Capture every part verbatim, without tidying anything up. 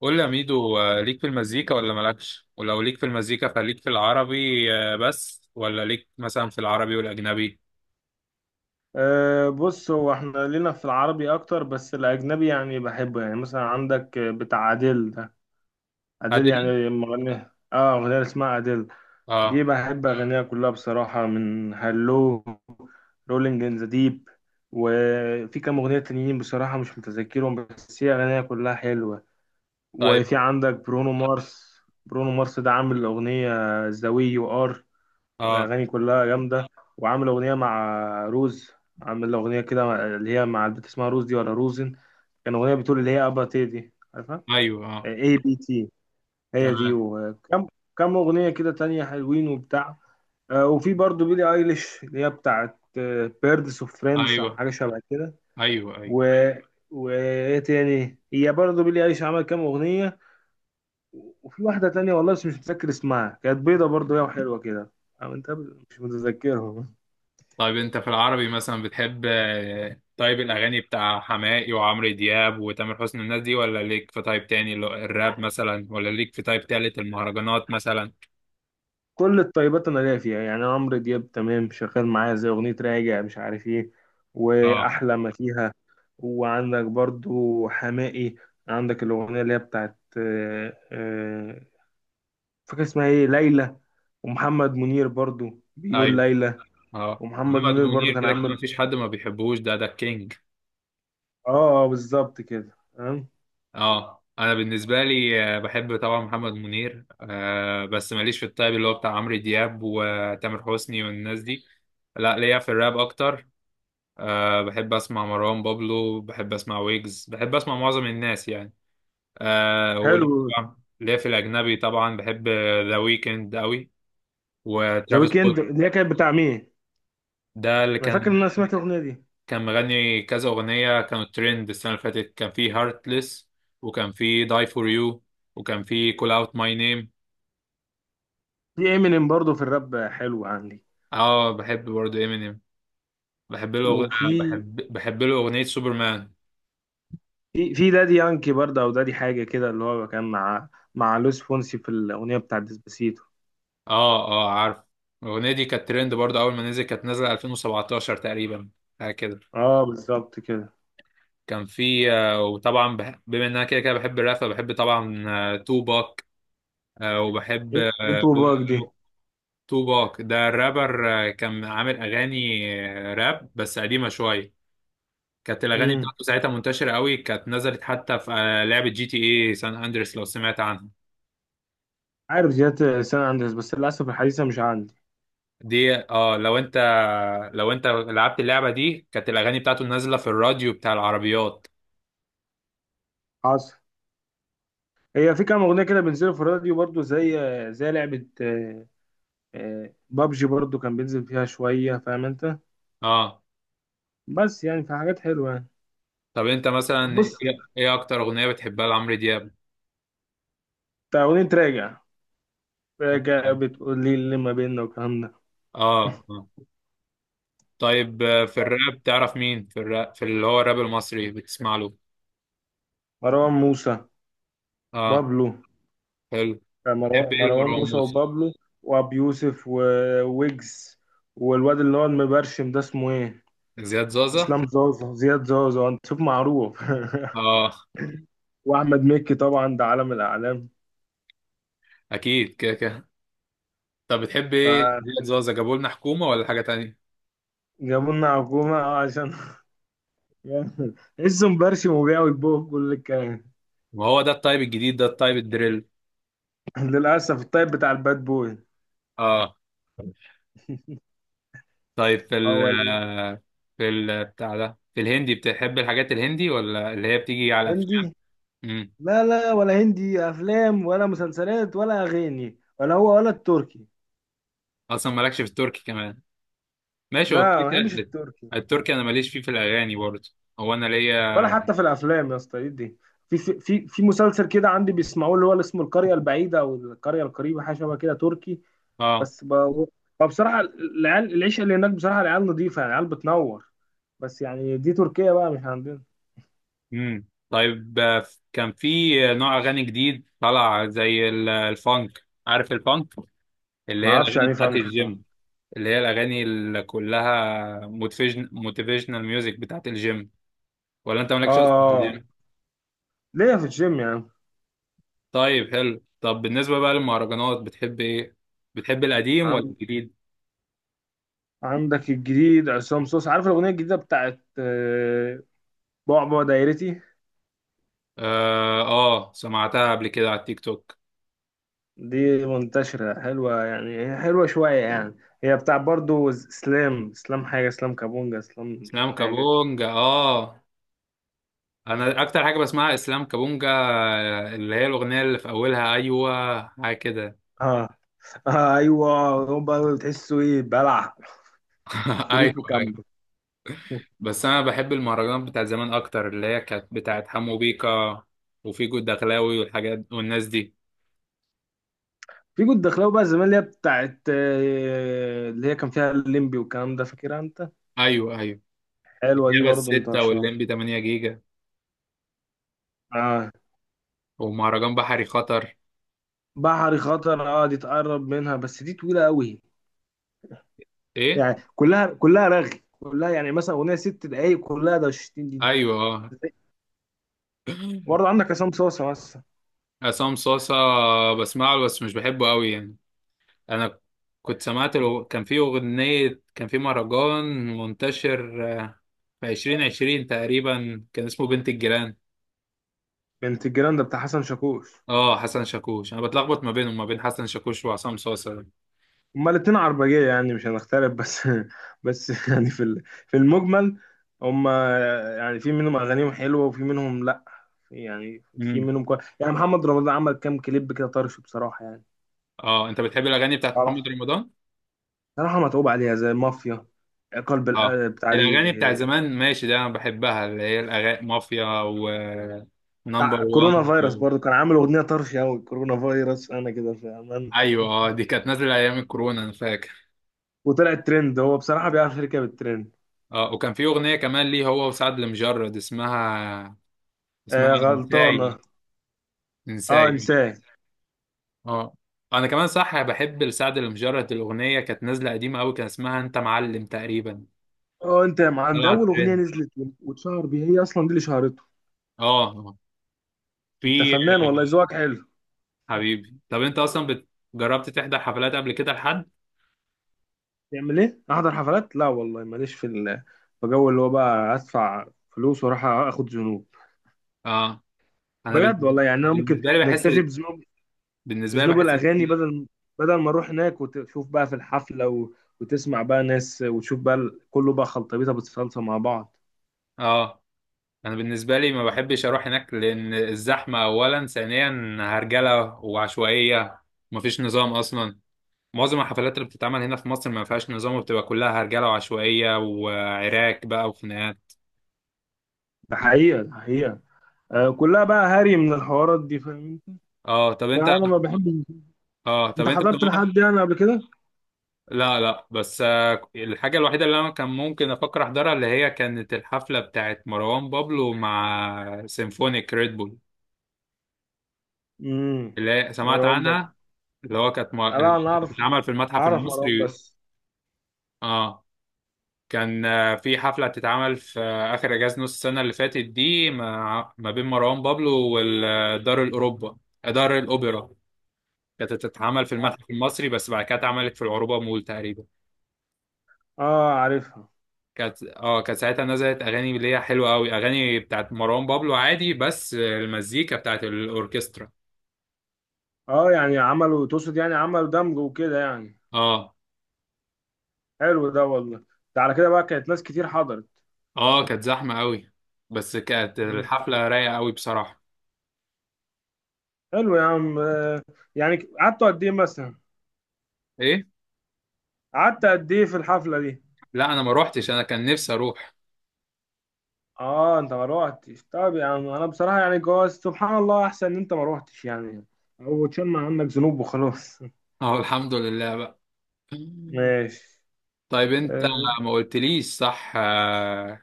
قول لي يا ميدو، آه، ليك في المزيكا ولا مالكش؟ ولو ليك في المزيكا فليك في العربي آه، بس، ولا ليك مثلا في العربي والاجنبي؟ أه، بص، هو احنا لينا في العربي اكتر، بس الاجنبي يعني بحبه. يعني مثلا عندك بتاع اديل ده. اديل هادري. يعني مغني. اه، اغنية اسمها اديل. دي اه. بحب اغانيها كلها بصراحة، من هالو، رولينج ان ذا ديب. وفي كام اغنية تانيين بصراحة مش متذكرهم، بس هي اغانيها كلها حلوة. طيب. وفي عندك برونو مارس. برونو مارس ده عامل اغنية ذا وي يو ار. اه. اغاني كلها جامده. وعامل اغنيه مع روز. عامل اغنيه كده مع- اللي هي مع البنت اسمها روز دي، ولا روزن. كان اغنيه بتقول اللي هي ابا تي دي، عارفها؟ ايوه. اه. اي بي تي. هي دي. تمام. وكم كم اغنيه كده تانية حلوين وبتاع. آه، وفي برضو بيلي ايليش، اللي هي بتاعت بيردس اوف فريندز، ايوه، حاجه شبه كده. ايوه، ايوه. و وايه تاني، هي برضو بيلي ايليش عمل كام اغنيه. وفي واحده تانية والله بس مش متذكر اسمها، كانت بيضه برضو هي وحلوة كده. أو انت، مش متذكرهم. طيب انت في العربي مثلا بتحب، آه، طيب، الاغاني بتاع حماقي وعمرو دياب وتامر حسني الناس دي، ولا ليك في تايب تاني اللي هو الراب مثلا، ولا ليك في تايب تالت المهرجانات مثلا؟ كل الطيبات انا ليا فيها. يعني عمرو دياب تمام شغال معايا، زي اغنيه راجع مش عارف ايه، اه. واحلى ما فيها. وعندك برضو حماقي. عندك الاغنيه اللي هي بتاعت آه، آه، فاكر اسمها ايه، ليلى. ومحمد منير برضو بيقول ايوه. ليلى. اه، ومحمد محمد منير منير برضو كان كده كده عامل. مفيش حد ما بيحبوش، ده ده الكينج. اه، آه، بالظبط كده، تمام. اه، انا بالنسبه لي آه، بحب طبعا محمد منير، آه، بس ماليش في الطيب اللي هو بتاع عمرو دياب وتامر حسني والناس دي. لا، ليا في الراب اكتر. آه، بحب اسمع مروان بابلو، بحب اسمع ويجز، بحب اسمع معظم الناس يعني. آه، وليا حلو. طبعاً- ليا في الاجنبي طبعا بحب ذا ويكند قوي، ذا وترافيس ويكند سكوت. اللي هي كانت بتاع مين؟ ده اللي انا فاكر كان، ان انا سمعت الاغنيه دي. كان مغني كذا اغنيه كانوا ترند السنه اللي فاتت، كان في هارتلess، وكان في داي فور يو، وكان في كول اوت ماي نيم. في امينيم برضو في الراب حلو عندي. اه، بحب برضه امينيم. بحب له أغ... آه، وفي بحب بحب له اغنيه سوبرمان. في في دادي يانكي برضه، او دادي حاجه كده، اللي هو كان مع مع لويس فونسي في الاغنيه بتاعت ديسباسيتو. اه، اه عارف. الاغنيه دي كانت ترند برضه، اول ما نزل كانت نازله ألفين وسبعتاشر تقريبا، حاجه كده. اه بالظبط كده. كان في، آه، وطبعا بح... بما ان انا كده كده بحب الراب، فبحب طبعا آه، توباك. آه، وبحب، انت آه، بوب- وباك دي. بوب- توباك ده الرابر، آه، كان عامل اغاني آه، راب بس قديمه شويه. كانت الاغاني امم بتاعته ساعتها منتشره قوي، كانت نزلت حتى في آه، لعبه جي تي اي سان اندريس، لو سمعت عنها. عارف زيادة السنة عندي، بس للأسف الحديثة مش عندي. دي، اه، لو انت لو انت لعبت اللعبه دي، كانت الاغاني بتاعته نازله في الراديو بتاع العربيات. حاصل. هي في كام أغنية كده بينزلوا في الراديو برضو، زي زي لعبة آه، آه، بابجي برضو كان بينزل فيها شوية، فاهم أنت؟ اه. بس يعني في حاجات حلوة يعني. طب انت مثلا بص. ايه إيه اكتر اغنيه بتحبها لعمرو دياب؟ بتاع أغنية راجع. راجع بتقول لي اللي ما بيننا والكلام ده. اه، اه. طيب، آه، في الراب، تعرف مين في الراب، في اللي هو الراب المصري بتسمع له؟ مروان موسى. اه. بابلو. حلو. كان بتحب مرو- ايه مروان لمروان موسى موسى؟ وبابلو، وابي يوسف وويجز، والواد اللي هو المبرشم ده اسمه ايه، زياد زازا. اسلام زازا، زياد زازا، انت شوف معروف. اه. واحمد مكي طبعا ده عالم الاعلام. اكيد كده كده. طب بتحب ايه فجابوا زياد زازا، جابوا لنا حكومه ولا حاجه تانية؟ لنا حكومه، اه، عشان لسه مبرشم وبيع ويبوه كل الكلام. ما هو ده التايب الجديد، ده التايب الدريل. للاسف الطيب بتاع الباد بوي. اه. طيب، في اه ال ولا. في ال بتاع ده، في الهندي بتحب الحاجات الهندي، ولا اللي هي بتيجي على افلام؟ هندي. امم. لا، لا، ولا هندي افلام، ولا مسلسلات، ولا اغاني، ولا هو ولا التركي. اصلا مالكش في التركي كمان؟ ماشي، هو لا، كده ما بحبش كده. التركي. التركي انا ماليش فيه، في الاغاني برضه. هو انا ولا ليا، حتى في الافلام يا اسطى، ايه دي؟ في في في في مسلسل كده عندي بيسمعوه، اللي هو اللي اسمه القريه البعيده او القريه القريبه، حاجه شبه كده، تركي. اه. بس ب... فبصراحه العيال، العيشه اللي هناك بصراحه العيال نظيفه، يعني العيال بتنور. بس يعني دي تركيا بقى، مش عندنا. امم. طيب، آه، كان في نوع اغاني جديد طلع زي ال- الفانك، عارف الفانك؟ اللي ما هي اعرفش الاغاني يعني إيه، بتاعت فهمت صح؟ الجيم، اللي هي الاغاني اللي كلها موتيفيشن، موتيفيشنال ميوزك بتاعت الجيم. ولا انت مالكش اصلا في اه. الجيم؟ ليه في الجيم يعني. طيب، حلو. طب بالنسبة بقى للمهرجانات، بتحب ايه؟ بتحب القديم ولا عن- الجديد؟ عندك الجديد عصام صوص، عارف الاغنيه الجديده بتاعت آه، بعبع دايرتي. اه، آه، سمعتها قبل كده على التيك توك. دي منتشرة حلوة، يعني هي حلوة شوية يعني. هي بتاع برضو اسلام، اسلام حاجة، اسلام كابونجا، اسلام اسلام حاجة كده. كابونجا، اه. انا اكتر حاجة بسمعها اسلام كابونجا، آه، اللي هي الاغنية اللي في اولها ايوه حاجة كده. اه، آه، ايوه. هم بقى بتحسوا ايه، بلع ايوه، شريط وكمل. ايوه. بس انا بحب المهرجانات بتاعت زمان اكتر، اللي هي كانت بتاعت حمو بيكا وفيجو الدخلاوي والحاجات والناس دي. في كنت دخلاوي بقى زمان اللي هي بتاعت آه، اللي هي كان فيها الليمبي والكلام ده، فاكرها انت. ايوه، ايوه. حلوة دي الجبل برضو الستة منتشرة. واللمبي تمنية جيجا، اه. ومهرجان بحري خطر. بحري خطر، اه دي تقرب منها، بس دي طويلة قوي. ايه؟ يعني كلها كلها رغي، كلها يعني، مثلا اغنية ست دقايق كلها ده ستين دي. ايوه. آه. آه، وبرضه عندك عصام صاصة مثلا. عصام صاصة، بسمع له بس مش بحبه قوي يعني. انا كنت سمعت له، كان في اغنية، كان في مهرجان منتشر آه، في عشرين عشرين تقريبا، كان اسمه بنت الجيران. بنت الجيران ده بتاع حسن شاكوش. اه، حسن شاكوش، انا بتلخبط ما بينهم، ما بين حسن شاكوش وعصام صاصة ده. هما الاتنين عربجية يعني، مش هنختلف بس بس يعني في ال- في المجمل. هما يعني في منهم أغانيهم حلوة وفي منهم لأ. يعني في امم. منهم كويس، يعني محمد رمضان عمل كام كليب كده طرش بصراحة يعني. اه، انت بتحب الاغاني بتاعت طبعا. محمد رمضان؟ صراحة متعوب عليها زي مافيا، قلب اه، القلب بتاع دي. الاغاني بتاع زمان ماشي، ده انا بحبها، اللي هي الاغاني مافيا، و نمبر بتاع وان كورونا فيروس و... برضه كان عامل أغنية طرش أوي، كورونا فيروس أنا كده في أمان. ايوه، اه، دي كانت نازله ايام الكورونا، انا فاكر. وطلع الترند، هو بصراحة بيعرف يركب الترند. اه، وكان في اغنيه كمان ليه، هو وسعد المجرد، اسمها، اسمها آه، انساي. غلطانة. اه انساي. انساه. اه. انا كمان صح، بحب لسعد المجرد الاغنيه كانت نازله قديمه قوي، كان اسمها انت معلم تقريبا. اه انت يا معلم ده طلعت اول اغنيه ترند. نزلت، واتشهر بيها، هي اصلا دي اللي شهرته. اه. آه. انت في، فنان والله، ذوقك حلو. حبيبي. طب انت اصلا بت- جربت تحضر حفلات قبل كده لحد؟ تعمل ايه احضر حفلات، لا والله ماليش في ال- في جو اللي هو بقى ادفع فلوس واروح اخد ذنوب. اه، انا بجد بن- والله، يعني انا ممكن بالنسبه لي بحس، نكتفي بذنوب بالنسبه لي بذنوب بحس الاغاني، بدل بدل ما اروح هناك وتشوف بقى في الحفله و... وتسمع بقى ناس وتشوف بقى ال- كله بقى خلطبيطه بتصلصه مع بعض. اه، انا بالنسبه لي ما بحبش اروح هناك، لان الزحمه اولا، ثانيا هرجله وعشوائيه ومفيش نظام اصلا. معظم الحفلات اللي بتتعمل هنا في مصر ما فيهاش نظام، وبتبقى كلها هرجله وعشوائيه وعراك بقى وخناقات. ده حقيقه، ده حقيقه. آه كلها بقى هري من الحوارات دي، فاهم انت؟ اه. طب انت، فانا ما بحبش. اه، طب انت انت حضرت كمان. لحد يعني قبل كده؟ لا، لا، بس آه، الحاجه الوحيده اللي انا كان ممكن افكر احضرها، اللي هي كانت الحفله بتاعت مروان بابلو مع سيمفونيك ريد بول، امم اللي هي سمعت مروان بابلو. عنها. اللي هو كانت م- اللي لا انا كانت اعرف بتتعمل في المتحف اعرف مروان المصري. بس. اه، كان آه، في حفلة بتتعمل في آه، آخر إجازة نص السنة اللي فاتت دي، مع- ما بين مروان بابلو والدار الأوروبا، دار الأوبرا. كانت بتتعمل في اه، المتحف المصري، بس بعد كده اتعملت في العروبة مول تقريبا. آه، عارفها. كانت اه كانت ساعتها نزلت أغاني اللي هي حلوة أوي، أغاني بتاعت مروان بابلو عادي، بس آه، المزيكا بتاعت الأوركسترا. اه يعني عملوا، تقصد يعني عملوا دمج وكده يعني. اه. حلو ده والله. ده على كده بقى كانت ناس كتير حضرت. اه، كانت زحمة أوي، بس كانت مم. الحفلة رايقة أوي بصراحة. حلو يا عم، آه، يعني قعدتوا قد ايه مثلا؟ إيه؟ قعدت قد ايه في الحفلة دي؟ لا، أنا ما روحتش، أنا كان نفسي أروح. اه انت ما روحتش، طب يا عم انا بصراحة يعني جواز سبحان الله احسن ان انت ما روحتش يعني، او تشمع عنك ذنوب وخلاص. اه، الحمد لله بقى. ماشي. طيب، انت آه، ما قلتليش صح، آه،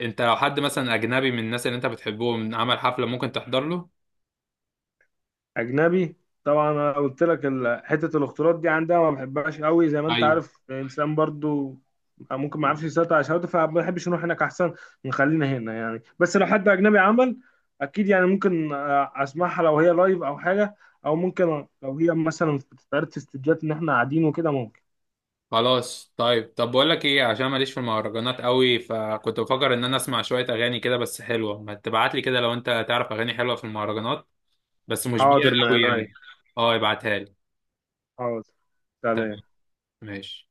انت لو حد مثلا اجنبي من الناس اللي انت بتحبهم عمل حفلة، ممكن تحضر له؟ اجنبي. طبعا انا قلت لك ال- حته الاختلاط دي عندها ما بحبهاش قوي، زي ما انت ايوه. عارف، انسان برضو ممكن ما يعرفش يسيطر على شهوته، فما بحبش نروح هناك احسن. نخلينا هنا يعني. بس لو حد اجنبي عمل، اكيد يعني ممكن آه، اسمعها لو هي لايف او حاجه، او ممكن لو هي مثلا بتتعرض في استوديوهات ان احنا قاعدين وكده ممكن. خلاص، طيب. طب بقول لك ايه، عشان ماليش في المهرجانات قوي، فكنت بفكر ان انا اسمع شوية اغاني كده بس حلوة، ما تبعت لي كده لو انت تعرف اغاني حلوة في المهرجانات، بس مش بيها حاضر من قوي عينيا. يعني. اه، ابعتها لي. حاضر. تمام. سلام. ماشي.